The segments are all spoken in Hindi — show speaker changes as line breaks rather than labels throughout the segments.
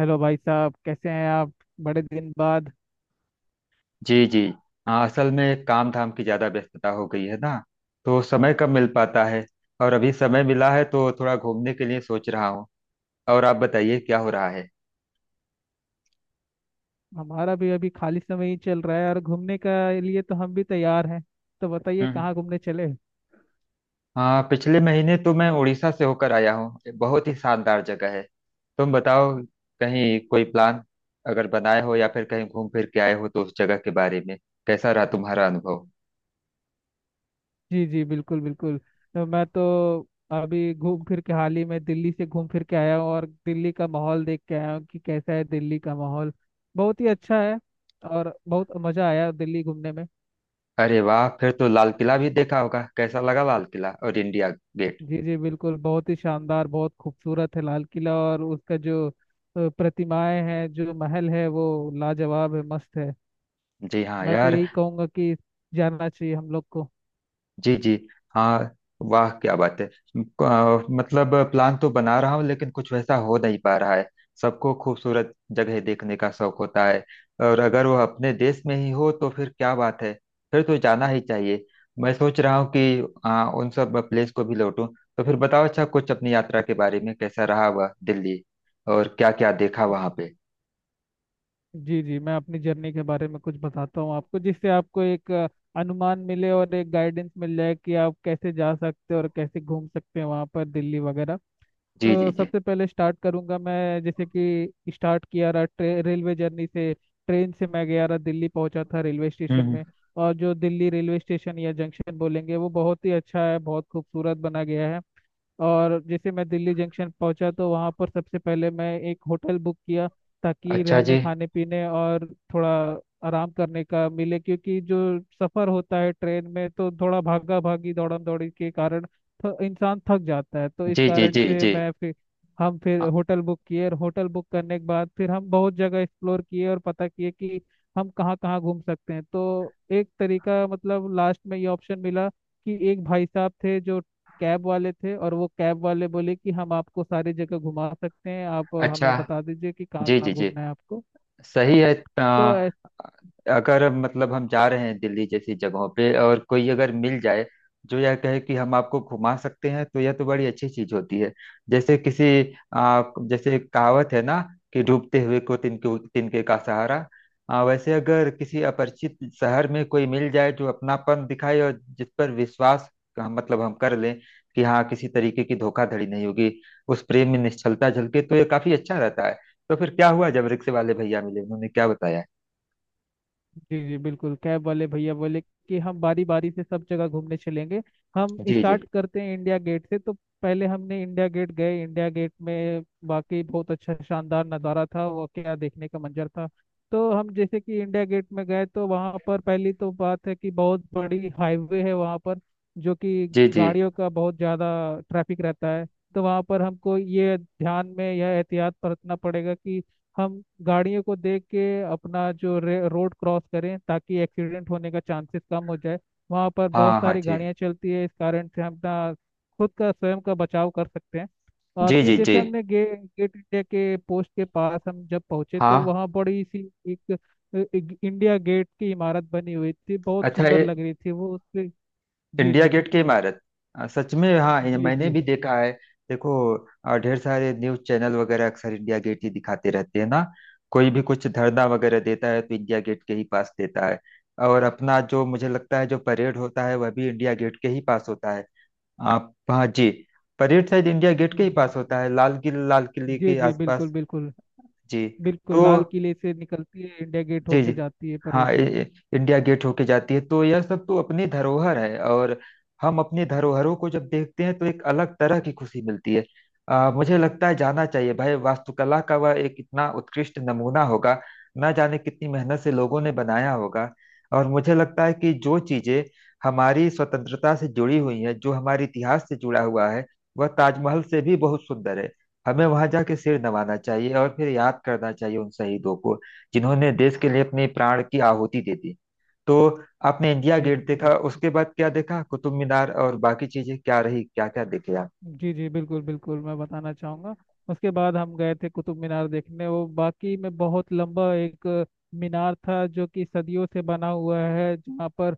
हेलो भाई साहब, कैसे हैं आप। बड़े दिन बाद।
जी जी। हाँ, असल में काम धाम की ज्यादा व्यस्तता हो गई है ना, तो समय कम मिल पाता है। और अभी समय मिला है तो थोड़ा घूमने के लिए सोच रहा हूँ। और आप बताइए क्या हो रहा है।
हमारा भी अभी खाली समय ही चल रहा है और घूमने का लिए तो हम भी तैयार हैं। तो बताइए
हम्म।
कहाँ घूमने चले।
हाँ, पिछले महीने तो मैं उड़ीसा से होकर आया हूँ, बहुत ही शानदार जगह है। तुम बताओ, कहीं कोई प्लान अगर बनाए हो या फिर कहीं घूम फिर के आए हो तो उस जगह के बारे में कैसा रहा तुम्हारा अनुभव।
जी जी, बिल्कुल बिल्कुल। तो मैं तो अभी घूम फिर के हाल ही में दिल्ली से घूम फिर के आया हूँ और दिल्ली का माहौल देख के आया हूँ कि कैसा है दिल्ली का माहौल। बहुत ही अच्छा है और बहुत मज़ा आया दिल्ली घूमने में।
अरे वाह, फिर तो लाल किला भी देखा होगा, कैसा लगा लाल किला और इंडिया गेट।
जी जी बिल्कुल, बहुत ही शानदार, बहुत खूबसूरत है लाल किला, और उसका जो प्रतिमाएं हैं, जो महल है, वो लाजवाब है, मस्त है।
जी हाँ
मैं तो
यार।
यही कहूंगा कि जानना चाहिए हम लोग को।
जी जी। हाँ। वाह क्या बात है। मतलब प्लान तो बना रहा हूँ लेकिन कुछ वैसा हो नहीं पा रहा है। सबको खूबसूरत जगह देखने का शौक होता है, और अगर वह अपने देश में ही हो तो फिर क्या बात है, फिर तो जाना ही चाहिए। मैं सोच रहा हूँ कि उन सब प्लेस को भी लौटूं। तो फिर बताओ, अच्छा, कुछ अपनी यात्रा के बारे में कैसा रहा वह दिल्ली, और क्या क्या देखा वहाँ पे।
जी जी, मैं अपनी जर्नी के बारे में कुछ बताता हूँ आपको, जिससे आपको एक अनुमान मिले और एक गाइडेंस मिल जाए कि आप कैसे जा सकते हो और कैसे घूम सकते हैं वहाँ पर, दिल्ली वगैरह।
जी जी
तो
जी।
सबसे पहले स्टार्ट करूँगा मैं। जैसे कि स्टार्ट किया रहा रेलवे जर्नी से। ट्रेन से मैं गया रहा, दिल्ली पहुंचा था रेलवे स्टेशन
हम्म।
में। और जो दिल्ली रेलवे स्टेशन या जंक्शन बोलेंगे, वो बहुत ही अच्छा है, बहुत खूबसूरत बना गया है। और जैसे मैं दिल्ली जंक्शन पहुंचा तो वहां पर सबसे पहले मैं एक होटल बुक किया, ताकि
अच्छा
रहने
जी।
खाने पीने और थोड़ा आराम करने का मिले, क्योंकि जो सफर होता है ट्रेन में तो थोड़ा भागा भागी दौड़म दौड़ी के कारण इंसान थक जाता है। तो इस
जी जी
कारण
जी।
से
जी
मैं फिर हम फिर
हाँ।
होटल बुक किए, और होटल बुक करने के बाद फिर हम बहुत जगह एक्सप्लोर किए और पता किए कि हम कहाँ कहाँ घूम सकते हैं। तो एक तरीका, मतलब लास्ट में ये ऑप्शन मिला कि एक भाई साहब थे जो कैब वाले थे, और वो कैब वाले बोले कि हम आपको सारी जगह घुमा सकते हैं, आप हमें
अच्छा
बता दीजिए कि कहाँ
जी। जी
कहाँ
जी।
घूमना है आपको।
सही है।
तो
अ, अगर मतलब हम जा रहे हैं दिल्ली जैसी जगहों पे और कोई अगर मिल जाए जो यह कहे कि हम आपको घुमा सकते हैं, तो यह तो बड़ी अच्छी चीज होती है। जैसे किसी आ, जैसे एक कहावत है ना कि डूबते हुए को तिनके तिनके का सहारा। वैसे अगर किसी अपरिचित शहर में कोई मिल जाए जो अपनापन दिखाए और जिस पर विश्वास का मतलब हम कर लें कि हाँ किसी तरीके की धोखाधड़ी नहीं होगी, उस प्रेम में निश्चलता झलके, तो यह काफी अच्छा रहता है। तो फिर क्या हुआ जब रिक्शे वाले भैया मिले, उन्होंने क्या बताया।
जी जी बिल्कुल, कैब वाले भैया बोले कि हम बारी बारी से सब जगह घूमने चलेंगे, हम
जी जी।
स्टार्ट करते हैं इंडिया गेट से। तो पहले हमने इंडिया गेट गए। इंडिया गेट में बाकी बहुत अच्छा शानदार नज़ारा था, वो क्या देखने का मंजर था। तो हम जैसे कि इंडिया गेट में गए तो वहाँ पर पहली तो बात है कि बहुत बड़ी हाईवे है वहाँ पर, जो कि
जी जी।
गाड़ियों का बहुत ज़्यादा ट्रैफिक रहता है। तो वहाँ पर हमको ये ध्यान में, यह एहतियात बरतना पड़ेगा कि हम गाड़ियों को देख के अपना जो रोड क्रॉस करें, ताकि एक्सीडेंट होने का चांसेस कम हो जाए। वहाँ पर बहुत
हाँ हाँ
सारी
जी
गाड़ियाँ चलती है, इस कारण से हम अपना खुद का, स्वयं का बचाव कर सकते हैं। और
जी।
फिर
जी जी।
जैसे हमने गेट इंडिया के पोस्ट के पास हम जब पहुंचे, तो
हाँ।
वहाँ बड़ी सी एक, एक इंडिया गेट की इमारत बनी हुई थी, बहुत
अच्छा,
सुंदर
ये
लग रही थी वो। उससे जी
इंडिया
जी।
गेट की इमारत। सच में, हाँ ये
जी
मैंने
जी।
भी देखा है। देखो, ढेर सारे न्यूज चैनल वगैरह अक्सर इंडिया गेट ही दिखाते रहते हैं ना। कोई भी कुछ धरना वगैरह देता है तो इंडिया गेट के ही पास देता है। और अपना, जो मुझे लगता है, जो परेड होता है वह भी इंडिया गेट के ही पास होता है। आप। हाँ जी। परेड शायद इंडिया गेट के ही
जी
पास होता है, लाल किले
जी
के
जी बिल्कुल
आसपास।
बिल्कुल।
जी।
बिल्कुल
तो
लाल किले से निकलती है इंडिया गेट
जी जी,
होके जाती है
हाँ,
परेड।
इंडिया गेट होके जाती है, तो यह सब तो अपनी धरोहर है और हम अपनी धरोहरों को जब देखते हैं तो एक अलग तरह की खुशी मिलती है। मुझे लगता है जाना चाहिए भाई, वास्तुकला का वह एक इतना उत्कृष्ट नमूना होगा, ना जाने कितनी मेहनत से लोगों ने बनाया होगा। और मुझे लगता है कि जो चीजें हमारी स्वतंत्रता से जुड़ी हुई हैं, जो हमारे इतिहास से जुड़ा हुआ है, वह ताजमहल से भी बहुत सुंदर है। हमें वहां जाके सिर नवाना चाहिए और फिर याद करना चाहिए उन शहीदों को, जिन्होंने देश के लिए अपने प्राण की आहुति दे दी। तो आपने इंडिया
जी
गेट
बिल्कुल।
देखा, उसके बाद क्या देखा, कुतुब मीनार और बाकी चीजें क्या रही, क्या क्या देखे आप।
जी जी बिल्कुल बिल्कुल, मैं बताना चाहूँगा। उसके बाद हम गए थे कुतुब मीनार देखने। वो बाकी में बहुत लंबा एक मीनार था, जो कि सदियों से बना हुआ है। जहाँ पर,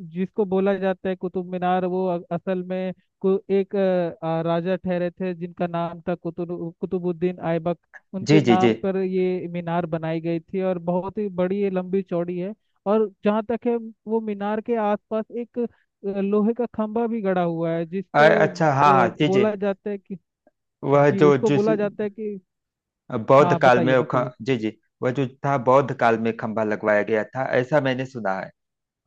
जिसको बोला जाता है कुतुब मीनार, वो असल में को एक राजा ठहरे थे, जिनका नाम था कुतुबुद्दीन ऐबक।
जी
उनके
जी जी।
नाम पर ये मीनार बनाई गई थी, और बहुत ही बड़ी ये लंबी चौड़ी है। और जहाँ तक है, वो मीनार के आसपास एक लोहे का खंभा भी गड़ा हुआ है, जिसको
अच्छा, हाँ हाँ जी जी।
बोला जाता है कि,
वह
जी
जो
उसको
जिस
बोला जाता है कि,
बौद्ध
हाँ
काल
बताइए
में वो
बताइए।
जी जी। वह जो था बौद्ध काल में खंभा लगवाया गया था ऐसा मैंने सुना है।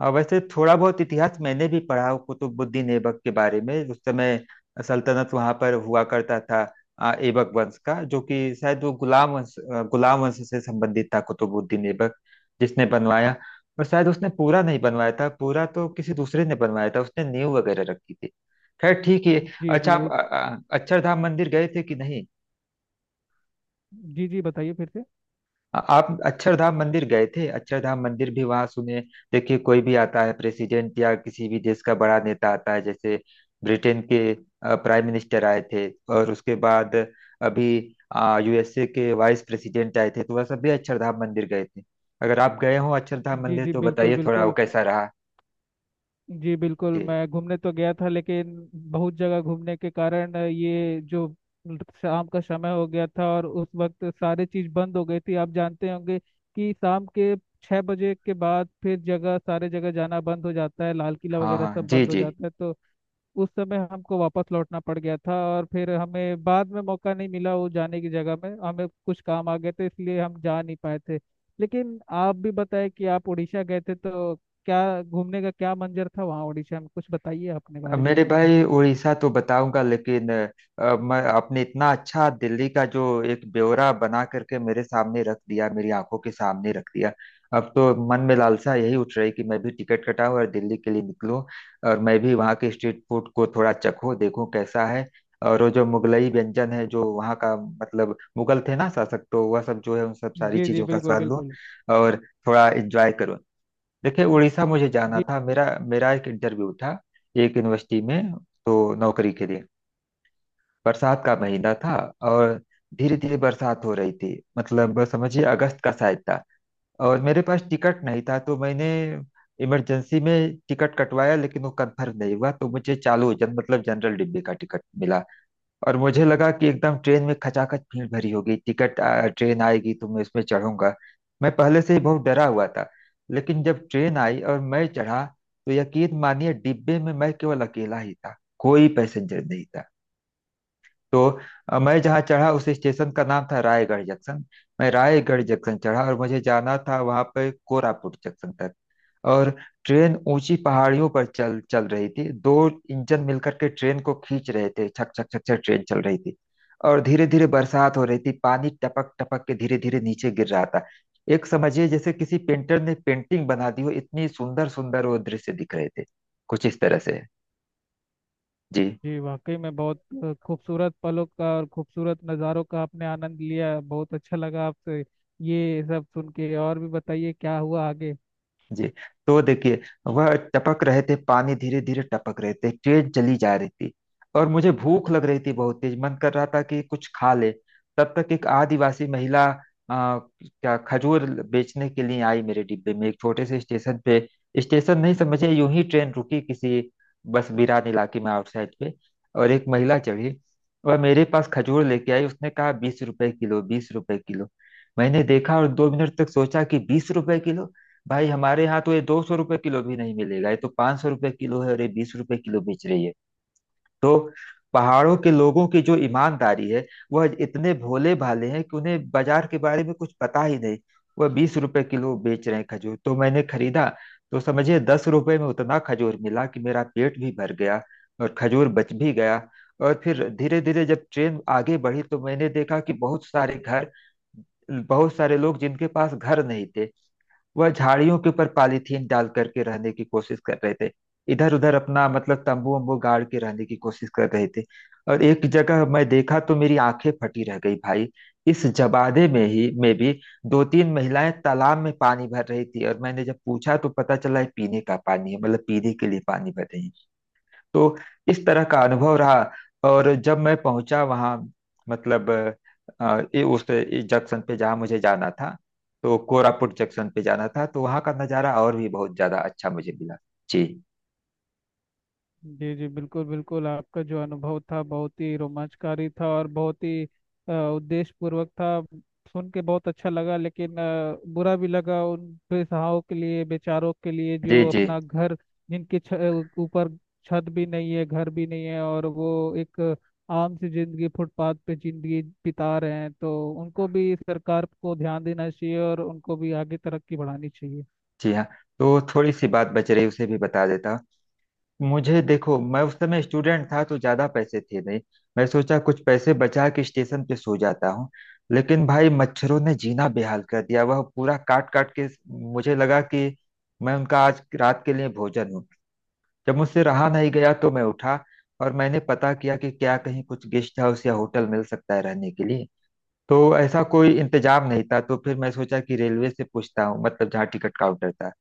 और वैसे थोड़ा बहुत इतिहास मैंने भी पढ़ा हूँ कुतुबुद्दीन ऐबक के बारे में। उस समय सल्तनत वहां पर हुआ करता था। ऐबक वंश का, जो कि शायद वो गुलाम वंश, गुलाम वंश से संबंधित था कुतुबुद्दीन ऐबक, जिसने बनवाया। और शायद उसने पूरा नहीं बनवाया था, पूरा तो किसी दूसरे ने बनवाया था, उसने नींव वगैरह रखी थी। खैर ठीक है।
जी
अच्छा,
जी,
आप
उस,
अक्षरधाम मंदिर गए थे कि नहीं।
जी जी बताइए फिर से।
आप अक्षरधाम मंदिर गए थे, अक्षरधाम मंदिर भी वहां सुने। देखिए, कोई भी आता है प्रेसिडेंट या किसी भी देश का बड़ा नेता आता है, जैसे ब्रिटेन के प्राइम मिनिस्टर आए थे। और उसके बाद अभी यूएसए के वाइस प्रेसिडेंट आए थे, तो वह सब भी अक्षरधाम मंदिर गए थे। अगर आप गए हो अक्षरधाम
जी
मंदिर
जी
तो
बिल्कुल
बताइए थोड़ा वो
बिल्कुल।
कैसा रहा।
जी
जी
बिल्कुल, मैं घूमने तो गया था, लेकिन बहुत जगह घूमने के कारण ये जो शाम का समय हो गया था, और उस वक्त सारे चीज बंद हो गई थी। आप जानते होंगे कि शाम के 6 बजे के बाद फिर जगह, सारे जगह जाना बंद हो जाता है। लाल किला
हाँ।
वगैरह
हाँ
सब
जी
बंद हो
जी।
जाता है। तो उस समय हमको वापस लौटना पड़ गया था, और फिर हमें बाद में मौका नहीं मिला वो जाने की। जगह में हमें कुछ काम आ गए थे, इसलिए हम जा नहीं पाए थे। लेकिन आप भी बताएं कि आप उड़ीसा गए थे, तो क्या घूमने का, क्या मंजर था वहाँ उड़ीसा में, कुछ बताइए अपने
अब
बारे में।
मेरे भाई, उड़ीसा तो बताऊंगा, लेकिन मैं, आपने इतना अच्छा दिल्ली का जो एक ब्यौरा बना करके मेरे सामने रख दिया, मेरी आंखों के सामने रख दिया, अब तो मन में लालसा यही उठ रही कि मैं भी टिकट कटाऊं और दिल्ली के लिए निकलूं। और मैं भी वहाँ के स्ट्रीट फूड को थोड़ा चखूं देखूं कैसा है, और वो जो मुगलई व्यंजन है जो वहाँ का, मतलब मुगल थे ना शासक, तो वह सब जो है उन सब सारी
जी जी
चीजों का
बिल्कुल
स्वाद लूं,
बिल्कुल।
और थोड़ा एंजॉय करूं। देखिए, उड़ीसा मुझे जाना
जी
था। मेरा मेरा एक इंटरव्यू था एक यूनिवर्सिटी में, तो नौकरी के लिए। बरसात का महीना था, और धीरे धीरे बरसात हो रही थी। मतलब समझिए अगस्त का शायद था। और मेरे पास टिकट नहीं था तो मैंने इमरजेंसी में टिकट कटवाया, लेकिन वो कंफर्म नहीं हुआ, तो मुझे चालू जन मतलब जनरल डिब्बे का टिकट मिला। और मुझे लगा कि एकदम ट्रेन में खचाखच भीड़ भरी होगी, ट्रेन आएगी तो मैं इसमें चढ़ूंगा। मैं पहले से ही बहुत डरा हुआ था, लेकिन जब ट्रेन आई और मैं चढ़ा तो यकीन मानिए डिब्बे में मैं केवल अकेला ही था, कोई पैसेंजर नहीं था। तो मैं जहाँ चढ़ा उस स्टेशन का नाम था रायगढ़ जंक्शन। मैं रायगढ़ जंक्शन चढ़ा और मुझे जाना था वहाँ पे कोरापुट जंक्शन तक। और ट्रेन ऊंची पहाड़ियों पर चल चल रही थी, दो इंजन मिलकर के ट्रेन को खींच रहे थे, छक छक छक छक ट्रेन चल रही थी। और धीरे धीरे बरसात हो रही थी, पानी टपक टपक के धीरे धीरे नीचे गिर रहा था। एक समझिए जैसे किसी पेंटर ने पेंटिंग बना दी हो, इतनी सुंदर सुंदर वो दृश्य दिख रहे थे कुछ इस तरह से। जी।
जी, वाकई में बहुत खूबसूरत पलों का और खूबसूरत नज़ारों का आपने आनंद लिया। बहुत अच्छा लगा आपसे ये सब सुन के। और भी बताइए क्या हुआ आगे।
जी। तो देखिए, वह टपक रहे थे, पानी धीरे धीरे टपक रहे थे, ट्रेन चली जा रही थी, और मुझे भूख लग रही थी, बहुत तेज मन कर रहा था कि कुछ खा ले। तब तक एक आदिवासी महिला आ, क्या खजूर बेचने के लिए आई मेरे डिब्बे में, एक छोटे से स्टेशन पे। स्टेशन नहीं समझे, यूं ही ट्रेन रुकी किसी बस बिरान इलाके में आउटसाइड पे। और एक महिला चढ़ी, वह मेरे पास खजूर लेके आई। उसने कहा 20 रुपए किलो, 20 रुपए किलो। मैंने देखा और 2 मिनट तक सोचा कि 20 रुपए किलो, भाई हमारे यहाँ तो ये 200 रुपये किलो भी नहीं मिलेगा, ये तो 500 रुपये किलो है और ये 20 रुपये किलो बेच रही है। तो पहाड़ों के लोगों की जो ईमानदारी है, वह इतने भोले भाले हैं कि उन्हें बाजार के बारे में कुछ पता ही नहीं। वह 20 रुपए किलो बेच रहे हैं खजूर, तो मैंने खरीदा। तो समझिए 10 रुपए में उतना खजूर मिला कि मेरा पेट भी भर गया, और खजूर बच भी गया। और फिर धीरे धीरे जब ट्रेन आगे बढ़ी तो मैंने देखा कि बहुत सारे घर, बहुत सारे लोग जिनके पास घर नहीं थे, वह झाड़ियों के ऊपर पॉलीथीन डाल करके रहने की कोशिश कर रहे थे, इधर उधर अपना मतलब तंबू वंबू गाड़ के रहने की कोशिश कर रहे थे। और एक जगह मैं देखा तो मेरी आंखें फटी रह गई भाई। इस जबादे में ही में भी दो तीन महिलाएं तालाब में पानी भर रही थी, और मैंने जब पूछा तो पता चला है पीने का पानी है, मतलब पीने के लिए पानी भर रही हैं। तो इस तरह का अनुभव रहा। और जब मैं पहुंचा वहां, मतलब ये उस इस जंक्शन पे जहाँ मुझे जाना था, तो कोरापुट जंक्शन पे जाना था, तो वहाँ का नज़ारा और भी बहुत ज़्यादा अच्छा मुझे मिला। जी।
जी जी बिल्कुल बिल्कुल, आपका जो अनुभव था बहुत ही रोमांचकारी था, और बहुत ही उद्देश्यपूर्वक था। सुन के बहुत अच्छा लगा, लेकिन बुरा भी लगा उन बेसहाराओं के लिए, बेचारों के लिए,
जी
जो
जी
अपना घर, जिनके छ- ऊपर छत भी नहीं है, घर भी नहीं है, और वो एक आम सी जिंदगी फुटपाथ पे जिंदगी बिता रहे हैं। तो उनको भी सरकार को ध्यान देना चाहिए, और उनको भी आगे तरक्की बढ़ानी चाहिए।
जी। हाँ। तो थोड़ी सी बात बच रही उसे भी बता देता हूँ। मुझे देखो, मैं उस समय स्टूडेंट था तो ज्यादा पैसे थे नहीं, मैं सोचा कुछ पैसे बचा के स्टेशन पे सो जाता हूँ। लेकिन भाई मच्छरों ने जीना बेहाल कर दिया, वह पूरा काट काट के, मुझे लगा कि मैं उनका आज रात के लिए भोजन हूँ। जब मुझसे रहा नहीं गया तो मैं उठा, और मैंने पता किया कि क्या कहीं कुछ गेस्ट हाउस या होटल मिल सकता है रहने के लिए। तो ऐसा कोई इंतजाम नहीं था, तो फिर मैं सोचा कि रेलवे से पूछता हूँ, मतलब जहाँ टिकट काउंटर था,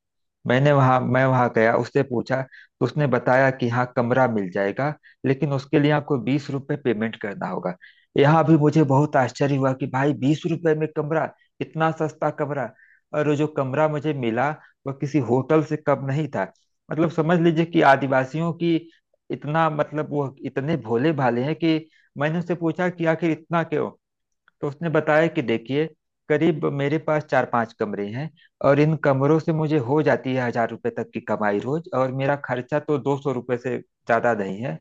मैं वहां गया, उससे पूछा। तो उसने बताया कि हाँ कमरा मिल जाएगा, लेकिन उसके लिए आपको 20 रुपये पेमेंट करना होगा। यहाँ भी मुझे बहुत आश्चर्य हुआ कि भाई 20 रुपए में कमरा, इतना सस्ता कमरा। और वो जो कमरा मुझे मिला, वह किसी होटल से कम नहीं था। मतलब समझ लीजिए कि आदिवासियों की, इतना, मतलब वो इतने भोले भाले हैं कि, मैंने उससे पूछा कि आखिर इतना क्यों। तो उसने बताया कि देखिए, करीब मेरे पास चार पांच कमरे हैं, और इन कमरों से मुझे हो जाती है 1,000 रुपए तक की कमाई रोज, और मेरा खर्चा तो 200 रुपये से ज्यादा नहीं है,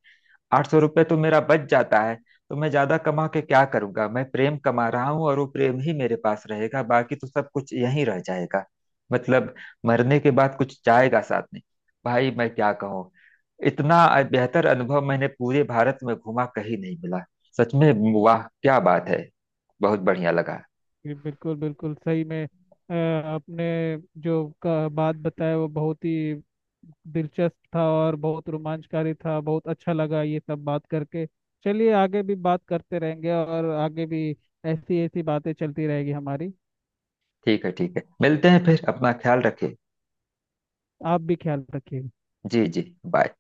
800 रुपये तो मेरा बच जाता है। तो मैं ज्यादा कमा के क्या करूंगा, मैं प्रेम कमा रहा हूँ और वो प्रेम ही मेरे पास रहेगा, बाकी तो सब कुछ यहीं रह जाएगा। मतलब मरने के बाद कुछ जाएगा साथ में। भाई मैं क्या कहूँ, इतना बेहतर अनुभव मैंने पूरे भारत में घुमा कहीं नहीं मिला, सच में। वाह क्या बात है, बहुत बढ़िया लगा।
जी बिल्कुल बिल्कुल, सही में। आपने जो का बात बताया वो बहुत ही दिलचस्प था, और बहुत रोमांचकारी था। बहुत अच्छा लगा ये सब बात करके। चलिए आगे भी बात करते रहेंगे, और आगे भी ऐसी ऐसी बातें चलती रहेगी हमारी।
ठीक है ठीक है, मिलते हैं फिर, अपना ख्याल रखें।
आप भी ख्याल रखिएगा।
जी जी। बाय।